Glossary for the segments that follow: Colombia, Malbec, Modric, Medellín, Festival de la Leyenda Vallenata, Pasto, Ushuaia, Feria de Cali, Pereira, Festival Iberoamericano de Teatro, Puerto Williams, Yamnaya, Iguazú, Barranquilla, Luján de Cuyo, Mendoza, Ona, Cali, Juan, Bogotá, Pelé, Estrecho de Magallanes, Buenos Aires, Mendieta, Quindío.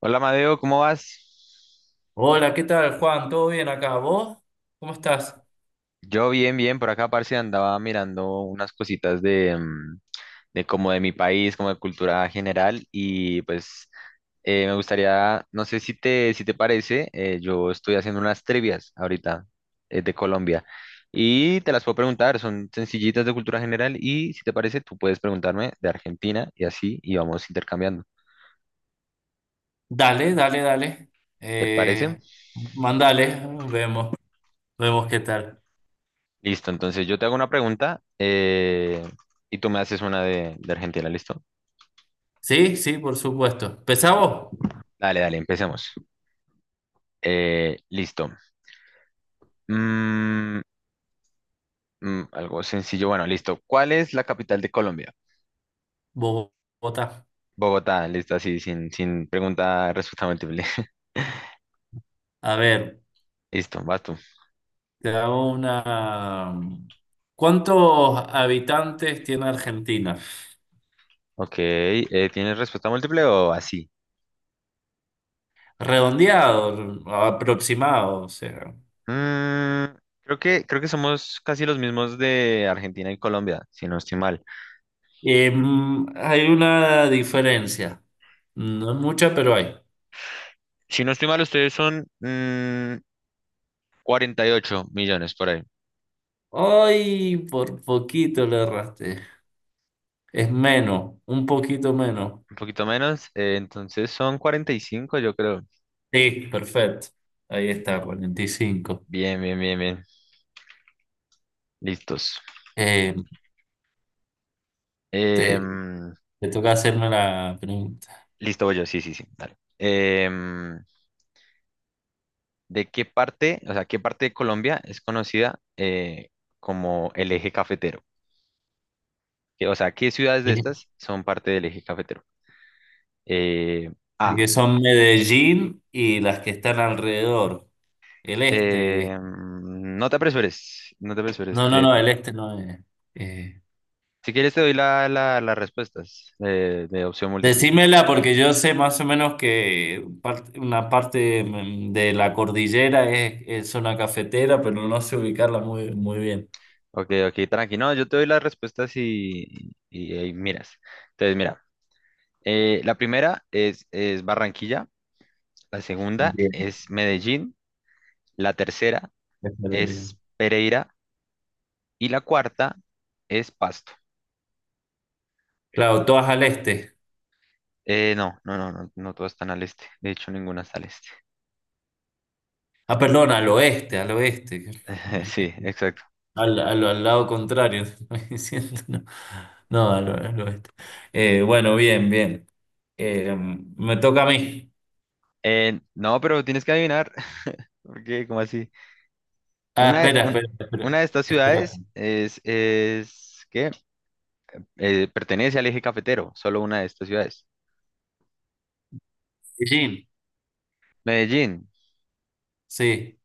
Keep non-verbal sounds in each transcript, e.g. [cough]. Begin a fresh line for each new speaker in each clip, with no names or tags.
Hola Madeo, ¿cómo vas?
Hola, ¿qué tal, Juan? ¿Todo bien acá? ¿Vos? ¿Cómo estás?
Yo bien, bien, por acá parce andaba mirando unas cositas de como de mi país, como de cultura general y pues me gustaría, no sé si te parece, yo estoy haciendo unas trivias ahorita de Colombia y te las puedo preguntar, son sencillitas de cultura general y si te parece tú puedes preguntarme de Argentina y así y vamos intercambiando.
Dale, dale, dale.
¿Te parece?
Eh, Mandale, vemos, vemos qué tal.
Listo, entonces yo te hago una pregunta y tú me haces una de Argentina, ¿listo?
Sí, sí, por supuesto. ¿Empezamos?
Dale, dale, empecemos. Listo. Mm, Algo sencillo, bueno, listo. ¿Cuál es la capital de Colombia?
Vos votá.
Bogotá, listo, así, sin pregunta, respuesta múltiple. [laughs]
A ver,
Listo, vas tú.
te hago una... ¿Cuántos habitantes tiene Argentina?
Ok, ¿tienes respuesta múltiple o así?
Redondeado, aproximado, o sea.
Mm, creo que somos casi los mismos de Argentina y Colombia, si no estoy mal.
Hay una diferencia. No es mucha, pero hay.
Si no estoy mal, ustedes son 48 millones por ahí.
Ay, por poquito le erraste. Es menos, un poquito menos.
Un poquito menos. Entonces son 45 yo creo.
Sí, perfecto. Ahí está, 45.
Bien, bien, bien, bien. Listos.
Eh, te,
Em,
te toca hacerme la pregunta.
Listo, voy yo. Sí, sí, sí. Dale. ¿De qué parte, o sea, qué parte de Colombia es conocida como el eje cafetero? Que, o sea, ¿qué ciudades de
Este,
estas son parte del eje cafetero? Eh,
que
A.
son Medellín y las que están alrededor. El este.
No te apresures. No te apresures.
No, no, no, el este no es. Eh,
Si quieres, te doy las respuestas de opción múltiple.
Decímela porque yo sé más o menos que parte- una parte de la cordillera es zona cafetera, pero no sé ubicarla muy, muy bien.
Ok, ok, tranqui. No, yo te doy las respuestas y ahí miras. Entonces, mira, la primera es Barranquilla, la segunda es Medellín, la tercera
Este lo diría.
es Pereira y la cuarta es Pasto.
Claro, todas al este.
No, no, no, no, no todas están al este. De hecho, ninguna está al este.
Ah, perdón, al oeste, al oeste.
[laughs] Sí, exacto.
Al lado contrario, [laughs] estoy diciendo, no. No, al, al oeste. Bueno, bien, bien. Me toca a mí.
No, pero tienes que adivinar, [laughs] ¿Por ¿Qué? ¿Cómo así?
Ah,
Una, de-
espera,
un-
espera,
una
espera.
de estas ciudades
Espera.
es ¿qué? Pertenece al eje cafetero, solo una de estas ciudades.
Beijing,
Medellín,
sí.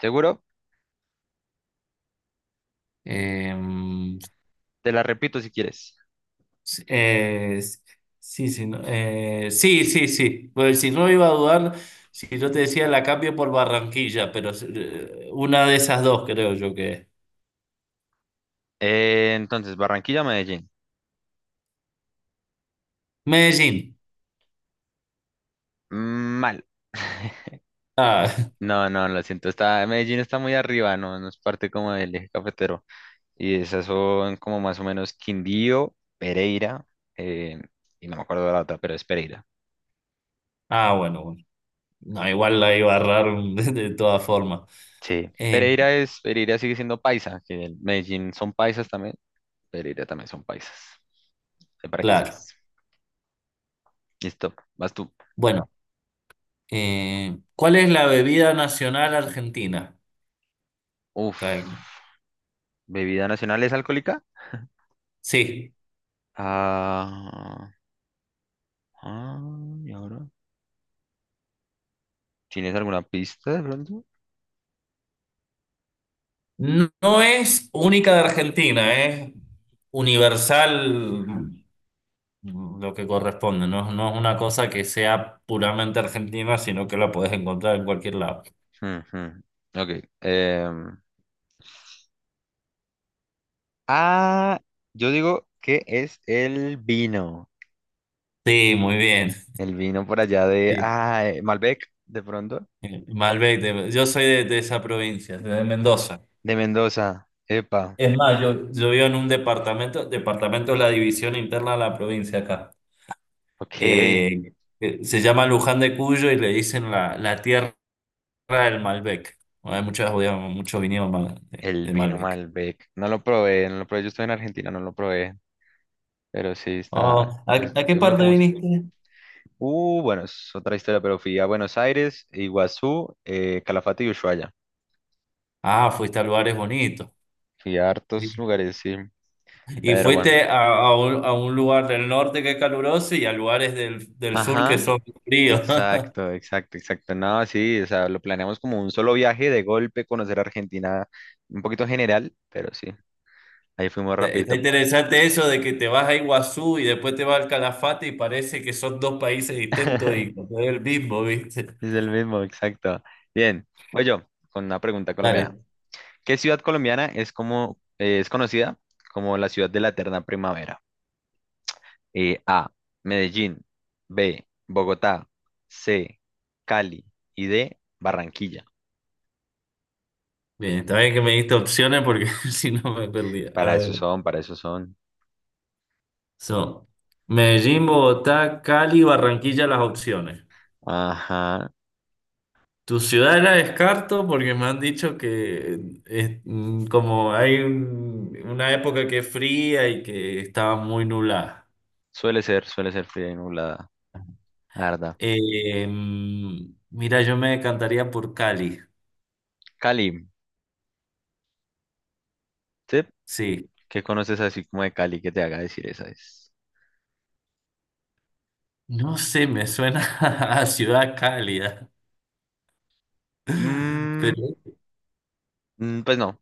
¿seguro?
Eh,
Te la repito si quieres.
s- eh, s- sí, sí, no, sí, sí, sí. Pues si no iba a dudar, si yo te decía la cambio por Barranquilla, pero una de esas dos creo yo que es.
Entonces, Barranquilla, Medellín.
Medellín.
Mm, mal.
Ah,
No, no, lo siento. Medellín está muy arriba, no, no es parte como del eje cafetero. Y esas son como más o menos Quindío, Pereira, eh, y no me acuerdo de la otra, pero es Pereira.
[laughs] ah, bueno, bueno. No, igual la iba a errar [laughs] de todas formas.
Sí.
Eh,
Pereira sigue siendo paisa, que el Medellín son paisas también. Pereira también son paisas. Ahí para que
claro.
sepas. Listo, vas tú.
Bueno, ¿cuál es la bebida nacional argentina?
Uf.
Está bien.
¿Bebida nacional es alcohólica?
Sí,
Ah. Ah, ¿y ahora? ¿Tienes alguna pista de pronto?
no, no es única de Argentina, es universal lo que corresponde. No, no es una cosa que sea puramente argentina, sino que la puedes encontrar en cualquier lado.
Ujú. Ok. em, ah, yo digo que es el vino.
Sí, muy bien.
El vino por allá de,
Sí.
Malbec, de pronto.
Malbec, de- yo soy de esa provincia, de Mendoza.
De Mendoza. Epa.
Es más, yo vivo en un departamento, departamento es la división interna de la provincia acá.
Ok.
Eh, Se llama Luján de Cuyo y le dicen la, la tierra del Malbec. Bueno, hay muchos, muchos viñedos mal-
El
de
vino
Malbec.
Malbec. No lo probé, no lo probé. Yo estoy en Argentina, no lo probé. Pero sí está.
Oh,
Es,
a qué
es muy
parte
famoso.
viniste?
Bueno, es otra historia, pero fui a Buenos Aires, Iguazú, Calafate y Ushuaia.
Ah, fuiste a lugares bonitos.
Fui a
Sí.
hartos lugares, sí.
Y
Pero bueno.
fuiste a un lugar del norte que es caluroso y a lugares del, del sur que
Ajá,
son fríos. [laughs]
exacto, exacto, exacto. No, sí, o sea, lo planeamos como un solo viaje de golpe, conocer Argentina un poquito general, pero sí, ahí fuimos
Está
rapidito.
interesante eso de que te vas a Iguazú y después te vas al Calafate y parece que son dos países distintos y
[laughs]
no es el mismo, ¿viste?
Es el mismo, exacto. Bien, voy yo con una pregunta colombiana.
Dale.
¿Qué ciudad colombiana es conocida como la ciudad de la eterna primavera? A, Medellín, B, Bogotá, C, Cali y D, Barranquilla.
Bien, está bien que me diste opciones porque [laughs] si no me perdía. A
Para eso
ver.
son, para eso son.
Son Medellín, Bogotá, Cali, Barranquilla, las opciones.
Ajá.
Tu ciudad la descarto porque me han dicho que es, mm, como hay un- una época que es fría y que estaba muy nublada.
Suele ser fría y nublada, la verdad.
Mira, yo me decantaría por Cali.
Cali, ¿sí?
Sí,
¿Qué conoces así como de Cali que te haga decir esa es?
no sé, me suena [laughs] a ciudad cálida.
Mm,
Pero
pues no,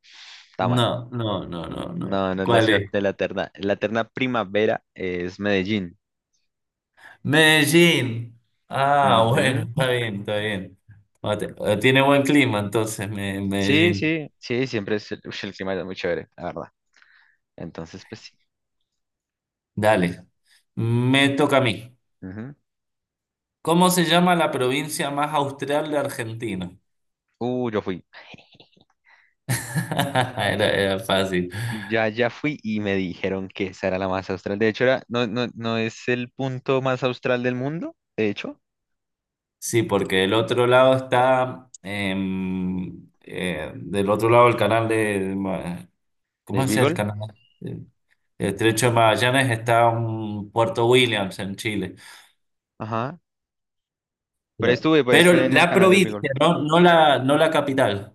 está mal.
no, no, no, no, no.
No, no es la
¿Cuál
ciudad
es?
de la eterna. La eterna primavera es Medellín.
Medellín. Ah, bueno,
Ujú.
está bien, está bien. Ah, te- ah, tiene buen clima entonces, Me-
Sí,
Medellín.
sí, sí, siempre es, el clima es muy chévere, la verdad. Entonces, pues sí.
Dale. Me toca a mí.
Ujú.
¿Cómo se llama la provincia más austral de Argentina?
Yo fui.
[laughs] Era, era fácil.
Ya fui y me dijeron que esa era la más austral. De hecho, era, no, no, no es el punto más austral del mundo, de hecho,
Sí, porque del otro lado está, del otro lado del canal de, ¿cómo
de
es el
Beagle.
canal? El Estrecho de Magallanes está en Puerto Williams, en Chile.
Ajá, Pero estuve, pero
Pero
estuve en el
la
canal del
provincia,
Bigol.
no, no la, no la capital.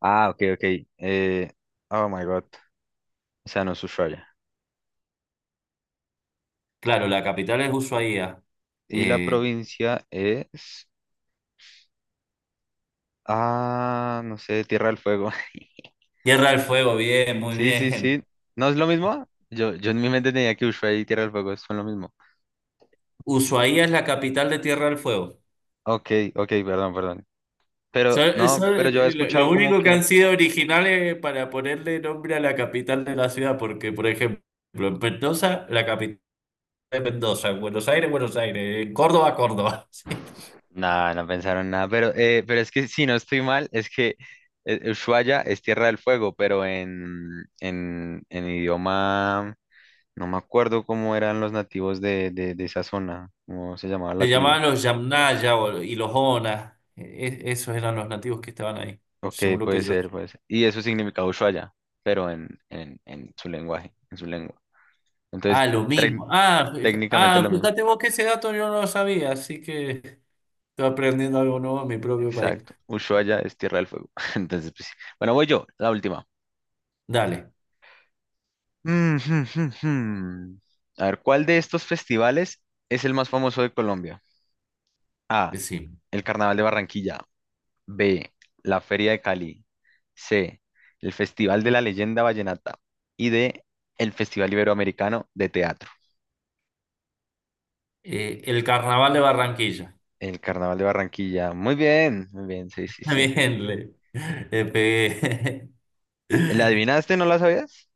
Ah, ok, ok. Eh, oh my God. O sea, no es Ushuaia.
Claro, la capital es Ushuaia.
Y la
Eh,
provincia es. Ah, no sé, Tierra del Fuego. [laughs]
Tierra del Fuego, bien, muy
Sí, sí,
bien.
sí. ¿No es lo mismo? Yo en mi mente tenía que Ushuaia y Tierra del Fuego son lo mismo.
Ushuaia es la capital de Tierra del Fuego.
Ok, ok, perdón, perdón. Pero
Son,
no, pero
son
yo he
lo
escuchado como
único que
que.
han sido originales para ponerle nombre a la capital de la ciudad, porque, por ejemplo, en Mendoza, la capital es Mendoza, en Buenos Aires, Buenos Aires, en Córdoba, Córdoba. [laughs]
No, no pensaron nada, pero es que si no estoy mal, es que Ushuaia es Tierra del Fuego, pero en idioma. No me acuerdo cómo eran los nativos de esa zona, cómo se llamaba la
Le
tribu.
llamaban los Yamnaya o- y los Ona. Esos eran los nativos que estaban ahí,
Ok,
según lo que
puede
yo. Sé.
ser, puede ser. Y eso significa Ushuaia, pero en su lenguaje, en su lengua. Entonces,
Ah, lo
tec-
mismo. Ah, fija-
técnicamente
ah,
lo mismo.
fíjate vos que ese dato yo no lo sabía, así que estoy aprendiendo algo nuevo en mi propio país.
Exacto. Ushuaia es Tierra del Fuego. [laughs] Entonces, pues, sí. Bueno, voy yo, la última. [laughs]
Dale,
Mm, jum, jum, jum. A ver, ¿cuál de estos festivales es el más famoso de Colombia? A,
sí.
el Carnaval de Barranquilla. B. La Feria de Cali. C. El Festival de la Leyenda Vallenata. Y D. El Festival Iberoamericano de Teatro.
El carnaval de Barranquilla.
El Carnaval de Barranquilla. Muy bien, sí,
[laughs]
sí, sí.
Bien, le pegué.
¿La
[laughs]
adivinaste? ¿No la sabías?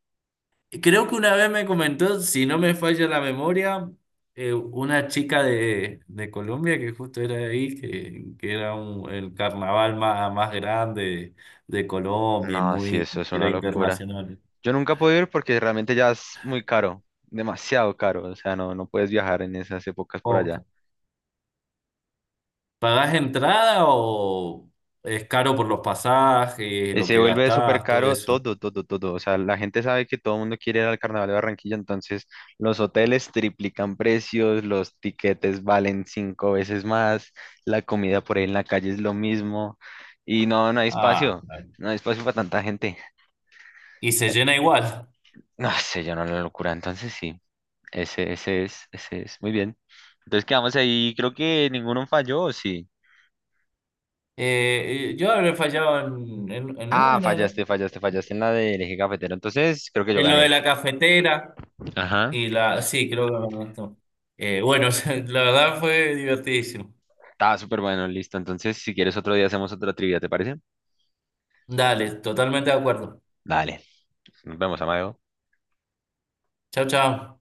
Creo que una vez me comentó, si no me falla la memoria, una chica de Colombia que justo era de ahí, que era un- el carnaval más, más grande de Colombia y
No, sí,
muy,
eso es una
era
locura.
internacional.
Yo nunca he podido ir porque realmente ya es muy caro, demasiado caro. O sea, no, no puedes viajar en esas épocas por allá.
Oh, ¿pagás entrada o es caro por los pasajes, lo
Se
que
vuelve súper
gastás, todo
caro
eso?
todo, todo, todo. O sea, la gente sabe que todo el mundo quiere ir al Carnaval de Barranquilla, entonces los hoteles triplican precios, los tiquetes valen cinco veces más, la comida por ahí en la calle es lo mismo y no, no hay
Ah,
espacio,
claro.
no hay espacio para tanta gente. [laughs]
Y se llena igual.
No sé, yo no la locura. Entonces sí, ese es, muy bien. Entonces quedamos ahí, creo que ninguno falló, ¿o sí?
Yo habré fallado en
Ah,
una, ¿no?
fallaste, fallaste, fallaste en la del eje cafetero. Entonces creo que yo
En lo de
gané.
la cafetera.
Ajá.
Y la, sí, creo que me gustó. Bueno, [laughs] la verdad fue divertidísimo.
Estaba súper bueno, listo. Entonces, si quieres otro día hacemos otra trivia, ¿te parece?
Dale, totalmente de acuerdo.
Dale. Nos vemos, Amadeo.
Chao, chao.